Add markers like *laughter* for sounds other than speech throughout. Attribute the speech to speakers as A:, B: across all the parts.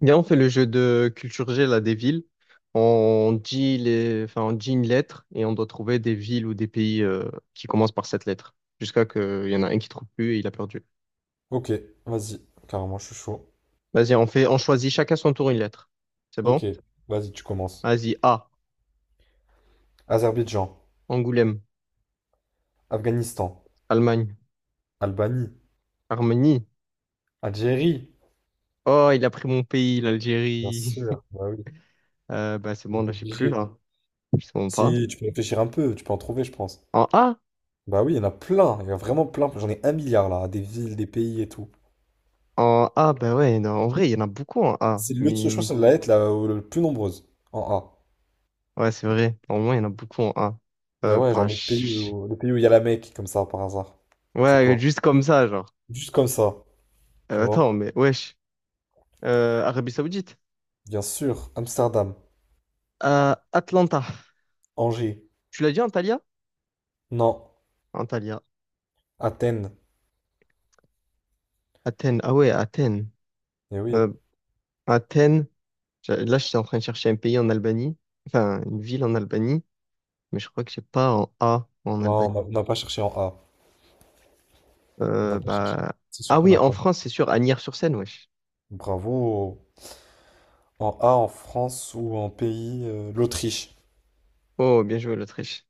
A: Viens, on fait le jeu de culture G, là, des villes. On dit les, enfin, on dit une lettre et on doit trouver des villes ou des pays qui commencent par cette lettre. Jusqu'à qu'il y en a un qui trouve plus et il a perdu.
B: Ok, vas-y, carrément, je suis chaud.
A: Vas-y, on choisit chacun son tour une lettre. C'est bon?
B: Ok, vas-y, tu commences.
A: Vas-y, A,
B: Azerbaïdjan,
A: Angoulême,
B: Afghanistan,
A: Allemagne,
B: Albanie,
A: Arménie.
B: Algérie.
A: Oh, il a pris mon pays,
B: Bien
A: l'Algérie. *laughs*
B: sûr, bah oui,
A: C'est bon,
B: j'ai
A: là, j'ai plus,
B: obligé.
A: là. Je sais même pas.
B: Si, tu peux réfléchir un peu, tu peux en trouver, je pense.
A: En A?
B: Bah oui, il y en a plein, il y en a vraiment plein. J'en ai un milliard là, des villes, des pays et tout.
A: En A, bah ouais, non, en vrai, il y en a beaucoup en A.
B: Je crois que
A: Mais,
B: c'est la lettre la le plus nombreuse, en A.
A: ouais, c'est vrai. Au moins, il y en a beaucoup en A.
B: Bah ouais, genre
A: Bah, je
B: le pays où il y a la Mecque, comme ça, par hasard. C'est
A: Ouais,
B: quoi?
A: juste comme ça, genre.
B: Juste comme ça, tu
A: Attends,
B: vois.
A: mais wesh. Arabie Saoudite.
B: Bien sûr, Amsterdam,
A: À Atlanta.
B: Angers,
A: Tu l'as dit, Antalya?
B: Nantes,
A: Antalya.
B: Athènes.
A: Athènes. Ah ouais, Athènes.
B: Eh oui.
A: Euh, Athènes. Là, je suis en train de chercher un pays en Albanie. Enfin, une ville en Albanie. Mais je crois que j'ai pas en A en
B: Non,
A: Albanie.
B: on n'a pas cherché en A. On n'a pas cherché.
A: Bah...
B: C'est sûr
A: Ah
B: qu'on
A: oui,
B: n'a
A: en
B: pas.
A: France, c'est sûr. Agnières-sur-Seine, wesh.
B: Bravo. En A, en France ou en pays, l'Autriche.
A: Oh, bien joué, l'Autriche.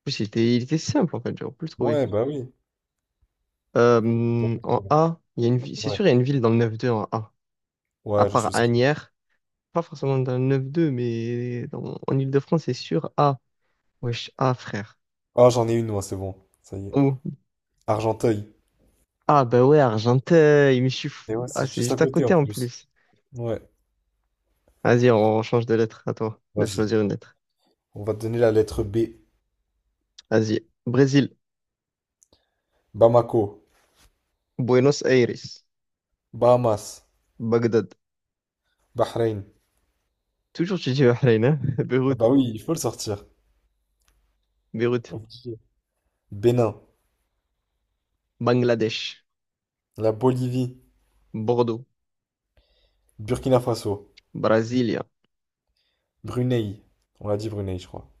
A: En plus, il était simple, en fait. J'aurais pu le trouver.
B: Ouais, bah oui. T'as pas de
A: En
B: problème.
A: A, il y a une ville. C'est
B: Ouais,
A: sûr, il y a une ville dans le 9-2 en A. À
B: ouais, j'en suis
A: part
B: certain.
A: Agnières. Pas forcément dans le 9-2, mais dans- en Ile-de-France, c'est sûr. Ah, wesh, ah, frère.
B: Ah, j'en ai une, moi, c'est bon. Ça y est.
A: Ou,
B: Argenteuil.
A: ah, bah ouais, Argenteuil, mais je suis fou.
B: Et ouais,
A: Ah,
B: c'est
A: c'est
B: juste à
A: juste à
B: côté en
A: côté en
B: plus.
A: plus.
B: Ouais,
A: Vas-y, on change de lettre. À toi de
B: vas-y.
A: choisir une lettre.
B: On va te donner la lettre B.
A: Vas-y. Brésil,
B: Bamako,
A: Buenos Aires,
B: Bahamas,
A: Bagdad.
B: Bahreïn.
A: Toujours, tu dis Bahreïn, hein? *laughs*
B: Ah
A: Beyrouth,
B: bah oui, il faut le sortir.
A: Beyrouth,
B: Obligé. Bénin,
A: Bangladesh,
B: la Bolivie,
A: Bordeaux,
B: Burkina Faso,
A: Brasilia.
B: Brunei. On l'a dit Brunei, je crois.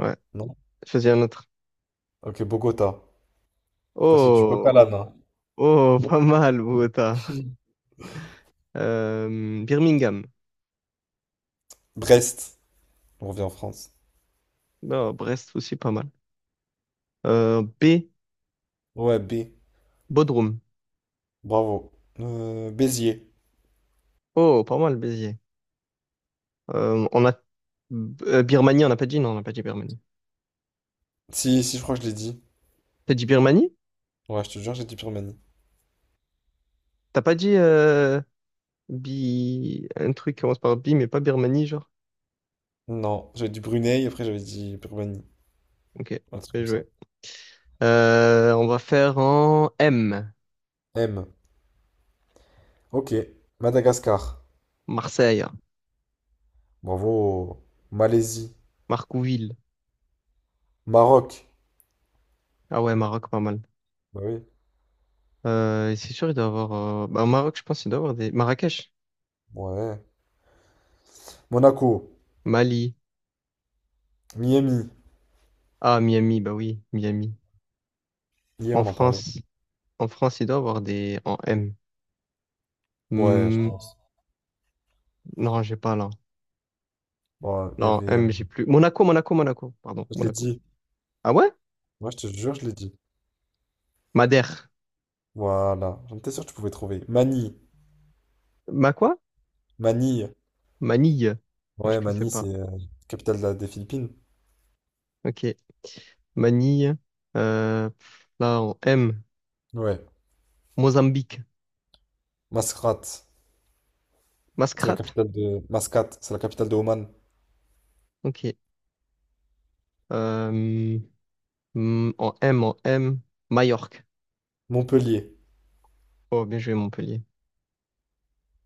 A: Ouais,
B: Non?
A: choisis un autre.
B: Ok, Bogota. Enfin, c'est du coq à
A: Oh,
B: l'âne, hein.
A: oh, pas mal, Bogota. Birmingham.
B: Brest. On revient en France.
A: Non, Brest aussi, pas mal. B.
B: Ouais, B.
A: Bodrum.
B: Bravo. Béziers.
A: Oh, pas mal, Béziers. On a Birmanie, on n'a pas dit, non, on n'a pas dit Birmanie.
B: Si, si, je crois que je l'ai dit.
A: T'as dit Birmanie?
B: Ouais, je te jure, j'ai dit Birmanie.
A: T'as pas dit Bi... un truc qui commence par Bi, mais pas Birmanie, genre?
B: Non, j'avais dit Brunei, après j'avais dit Birmanie.
A: Ok,
B: Un truc
A: bien
B: comme ça.
A: joué. On va faire en M,
B: M. Ok. Madagascar.
A: Marseille,
B: Bravo. Malaisie.
A: Marcouville.
B: Maroc.
A: Ah ouais, Maroc, pas mal.
B: Bah oui.
A: C'est sûr, il doit y avoir... Bah, au Maroc, je pense qu'il doit y avoir des... Marrakech,
B: Ouais. Monaco.
A: Mali.
B: Miami.
A: Ah, Miami, bah oui, Miami.
B: Hier,
A: En
B: on en parlait.
A: France, en France, il doit y avoir des... En M.
B: Ouais, je
A: Hmm,
B: pense.
A: non, j'ai pas là.
B: Ouais, il y
A: Non,
B: avait.
A: M, j'ai plus. Monaco, Monaco, Monaco. Pardon,
B: Je l'ai
A: Monaco.
B: dit.
A: Ah ouais?
B: Ouais, je te jure, je l'ai dit.
A: Madère.
B: Voilà. J'en étais sûr que tu pouvais trouver. Manille.
A: Ma quoi?
B: Manille.
A: Manille. Moi, je
B: Ouais,
A: ne sais
B: Manille,
A: pas.
B: c'est capitale de des Philippines.
A: Ok. Manille. Là, en M.
B: Ouais.
A: Mozambique.
B: Mascate, c'est la
A: Mascrate.
B: capitale de... Mascate, c'est la capitale de Oman.
A: Ok. Euh, en M. Majorque.
B: Montpellier,
A: Oh, bien joué, Montpellier.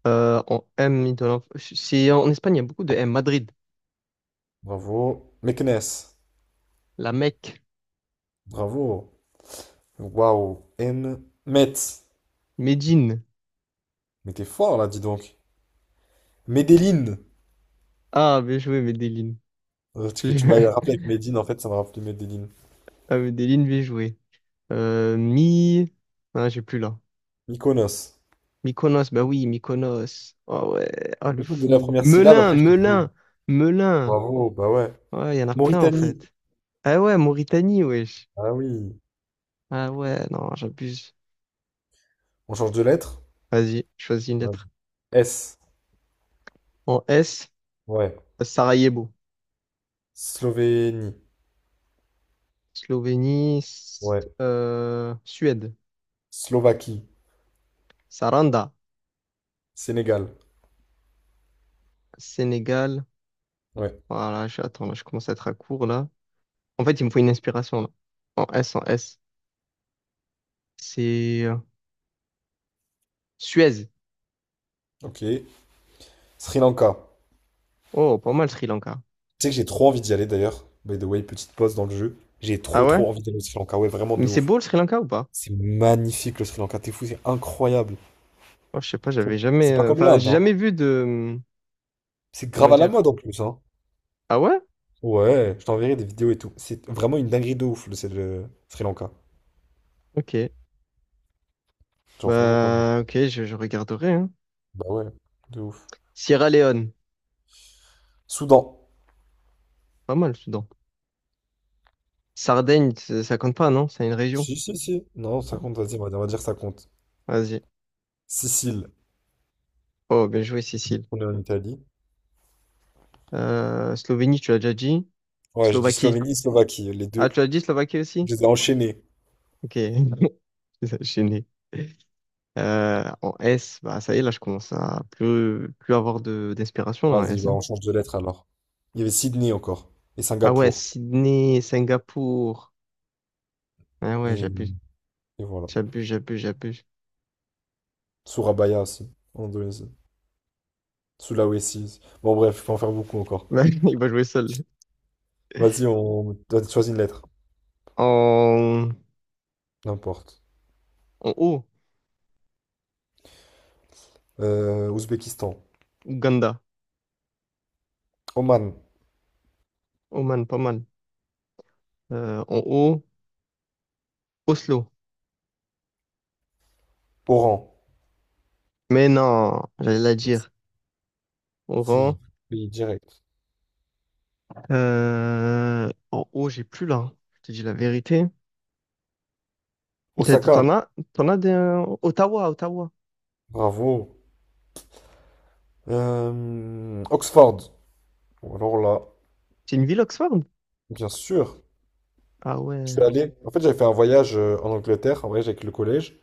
A: En M, c'est en Espagne, il y a beaucoup de M. Madrid.
B: bravo. Meknès,
A: La Mecque.
B: bravo. Waouh. Metz,
A: Médine.
B: mais t'es fort là, dis donc. Medellin,
A: Ah, bien joué, Medellin.
B: Parce que tu
A: *laughs*
B: m'as rappelé avec Medine, en fait, ça m'a rappelé Medellin.
A: Ah, Medellin, bien joué. Mi. Ah, j'ai plus là.
B: Mykonos.
A: Mykonos, bah oui, Mykonos. Oh ouais, ah
B: En
A: le
B: plus, je me donnais la
A: fou.
B: première syllabe, après je te trouve.
A: Melun.
B: Bravo, bah ouais.
A: Ouais, il y en a plein en
B: Mauritanie,
A: fait. Ah ouais, Mauritanie, wesh.
B: ah oui.
A: Ah ouais, non, j'abuse.
B: On change de lettre?
A: Vas-y, choisis une
B: Ouais.
A: lettre.
B: S,
A: En S,
B: ouais.
A: Sarajevo.
B: Slovénie, ouais.
A: Suède.
B: Slovaquie.
A: Saranda,
B: Sénégal.
A: Sénégal.
B: Ouais.
A: Attends, là, je commence à être à court là. En fait, il me faut une inspiration là. En S. C'est Suez.
B: Ok. Sri Lanka.
A: Oh, pas mal Sri Lanka.
B: Tu sais que j'ai trop envie d'y aller d'ailleurs. By the way, petite pause dans le jeu. J'ai
A: Ah
B: trop
A: ouais?
B: trop envie d'aller au Sri Lanka. Ouais, vraiment
A: Mais
B: de
A: c'est
B: ouf.
A: beau le Sri Lanka ou pas?
B: C'est magnifique le Sri Lanka. T'es fou, c'est incroyable.
A: Oh, je sais pas,
B: C'est
A: j'avais jamais,
B: c'est pas comme
A: enfin,
B: l'Inde,
A: j'ai
B: hein.
A: jamais vu de,
B: C'est
A: comment
B: grave à la
A: dire.
B: mode en plus, hein.
A: Ah ouais?
B: Ouais, je t'enverrai des vidéos et tout. C'est vraiment une dinguerie de ouf le, c'est le Sri Lanka.
A: Ok.
B: Genre vraiment pas mal.
A: Bah, ok, je regarderai, hein.
B: Bah ouais, de ouf.
A: Sierra Leone,
B: Soudan.
A: pas mal, Soudan. Sardaigne, ça compte pas, non? C'est une région.
B: Si, si, si. Non, ça compte, vas-y, on va dire ça compte.
A: Vas-y.
B: Sicile.
A: Oh, bien joué, Cécile.
B: On est en Italie.
A: Slovénie, tu l'as déjà dit.
B: Ouais, je dis
A: Slovaquie.
B: Slovénie, Slovaquie, les
A: Ah,
B: deux.
A: tu l'as dit Slovaquie aussi?
B: Je les ai enchaînés.
A: Ok. *laughs* Gêné. En S, bah, ça y est, là, je commence à plus avoir d'inspiration, là, en
B: Vas-y,
A: S,
B: bah
A: hein.
B: on change de lettre alors. Il y avait Sydney encore. Et
A: Ah ouais,
B: Singapour.
A: Sydney, Singapour. Ah ouais,
B: Et, et voilà.
A: j'abuse.
B: Surabaya aussi. En Indonésie. Sulawesi. Bon bref, je peux en faire beaucoup encore.
A: Mais *laughs* il va jouer seul.
B: Vas-y, on choisit une lettre.
A: En,
B: N'importe.
A: en haut,
B: Ouzbékistan.
A: Ouganda.
B: Oman.
A: Oman, pas mal. En haut, Oslo.
B: Oran.
A: Mais non, j'allais la dire. Oran.
B: Si. Pays direct.
A: En haut, j'ai plus là. Hein. Je te dis la vérité.
B: Osaka.
A: T'en as des... Ottawa.
B: Bravo. Oxford. Bon, alors là,
A: C'est une ville Oxford?
B: bien sûr.
A: Ah
B: Je suis
A: ouais.
B: allé. En fait, j'avais fait un voyage en Angleterre, un voyage avec le collège.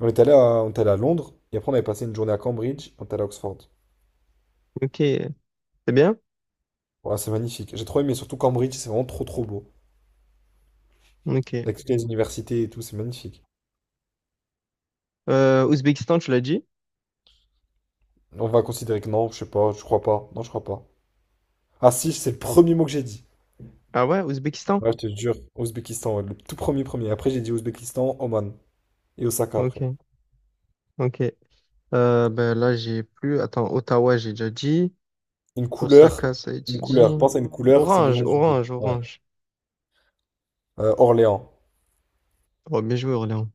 B: On est allé à Londres et après on avait passé une journée à Cambridge, on est allé à Oxford.
A: Ok. C'est bien?
B: Ouais, c'est magnifique. J'ai trop aimé, surtout Cambridge, c'est vraiment trop trop beau.
A: Ok.
B: Avec toutes les universités et tout, c'est magnifique.
A: Ouzbékistan, tu l'as dit?
B: On va considérer que non, je sais pas, je crois pas. Non, je crois pas. Ah si, c'est le premier mot que j'ai dit.
A: Ah ouais, Ouzbékistan?
B: Ouais, je te jure, Ouzbékistan, ouais, le tout premier premier. Après j'ai dit Ouzbékistan, Oman et Osaka après.
A: Ok. Ok. Ben là, j'ai plus. Attends, Ottawa, j'ai déjà dit.
B: Une couleur,
A: Osaka, ça a été
B: une
A: dit.
B: couleur, pense à une couleur, c'est le nom du pays. Ouais.
A: Orange.
B: Orléans.
A: Oh, bien joué, Orléans.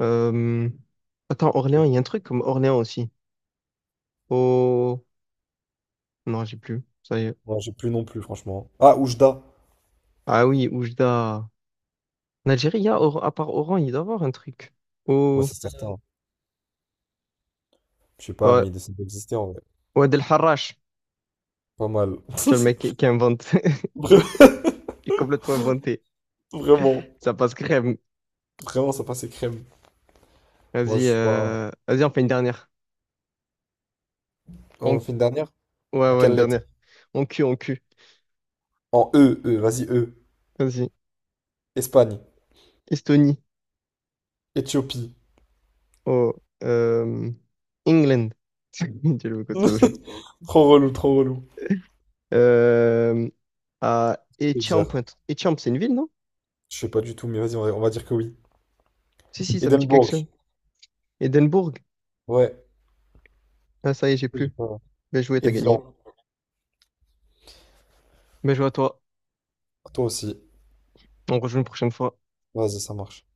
A: Euh, Attends, Orléans, il y a un truc comme Orléans aussi. Oh, non, j'ai plus. Ça y est.
B: Non, j'ai plus non plus, franchement. Ah, Oujda.
A: Ah oui, Oujda. En Algérie, il y a, Or- à part Oran, il doit y avoir un truc.
B: Ouais,
A: Oh,
B: c'est certain. Je sais pas,
A: ouais.
B: mais il décide d'exister en vrai.
A: Ouad El Harrach.
B: Pas mal.
A: Tu vois, le mec qui invente. *laughs*
B: *laughs*
A: Il est complètement inventé.
B: Vraiment.
A: Ça passe crème.
B: Vraiment, ça passait crème. Moi, je suis pas.
A: Vas-y, on fait une dernière. On,
B: On fait une dernière?
A: ouais, ouais, une
B: Quelle lettre?
A: dernière. En cul, en cul.
B: En E, E, vas-y, E.
A: Vas-y.
B: Espagne.
A: Estonie.
B: Éthiopie.
A: Oh, euh, England. *laughs* Diallo Kosovo.
B: *laughs* Trop relou, trop relou.
A: Euh, à
B: Je peux dire.
A: Étiamp. Étiamp, c'est une ville, non?
B: Je sais pas du tout, mais vas-y, on va dire que oui.
A: Si, si, ça me dit quelque
B: Édimbourg.
A: chose. Édimbourg.
B: Ouais.
A: Ah, ça y est, j'ai
B: J'ai
A: plus.
B: pas-
A: Bien joué,
B: Et
A: t'as gagné.
B: Vilan.
A: Bien joué à toi.
B: Toi aussi.
A: On rejoue une prochaine fois.
B: Vas-y, ça marche.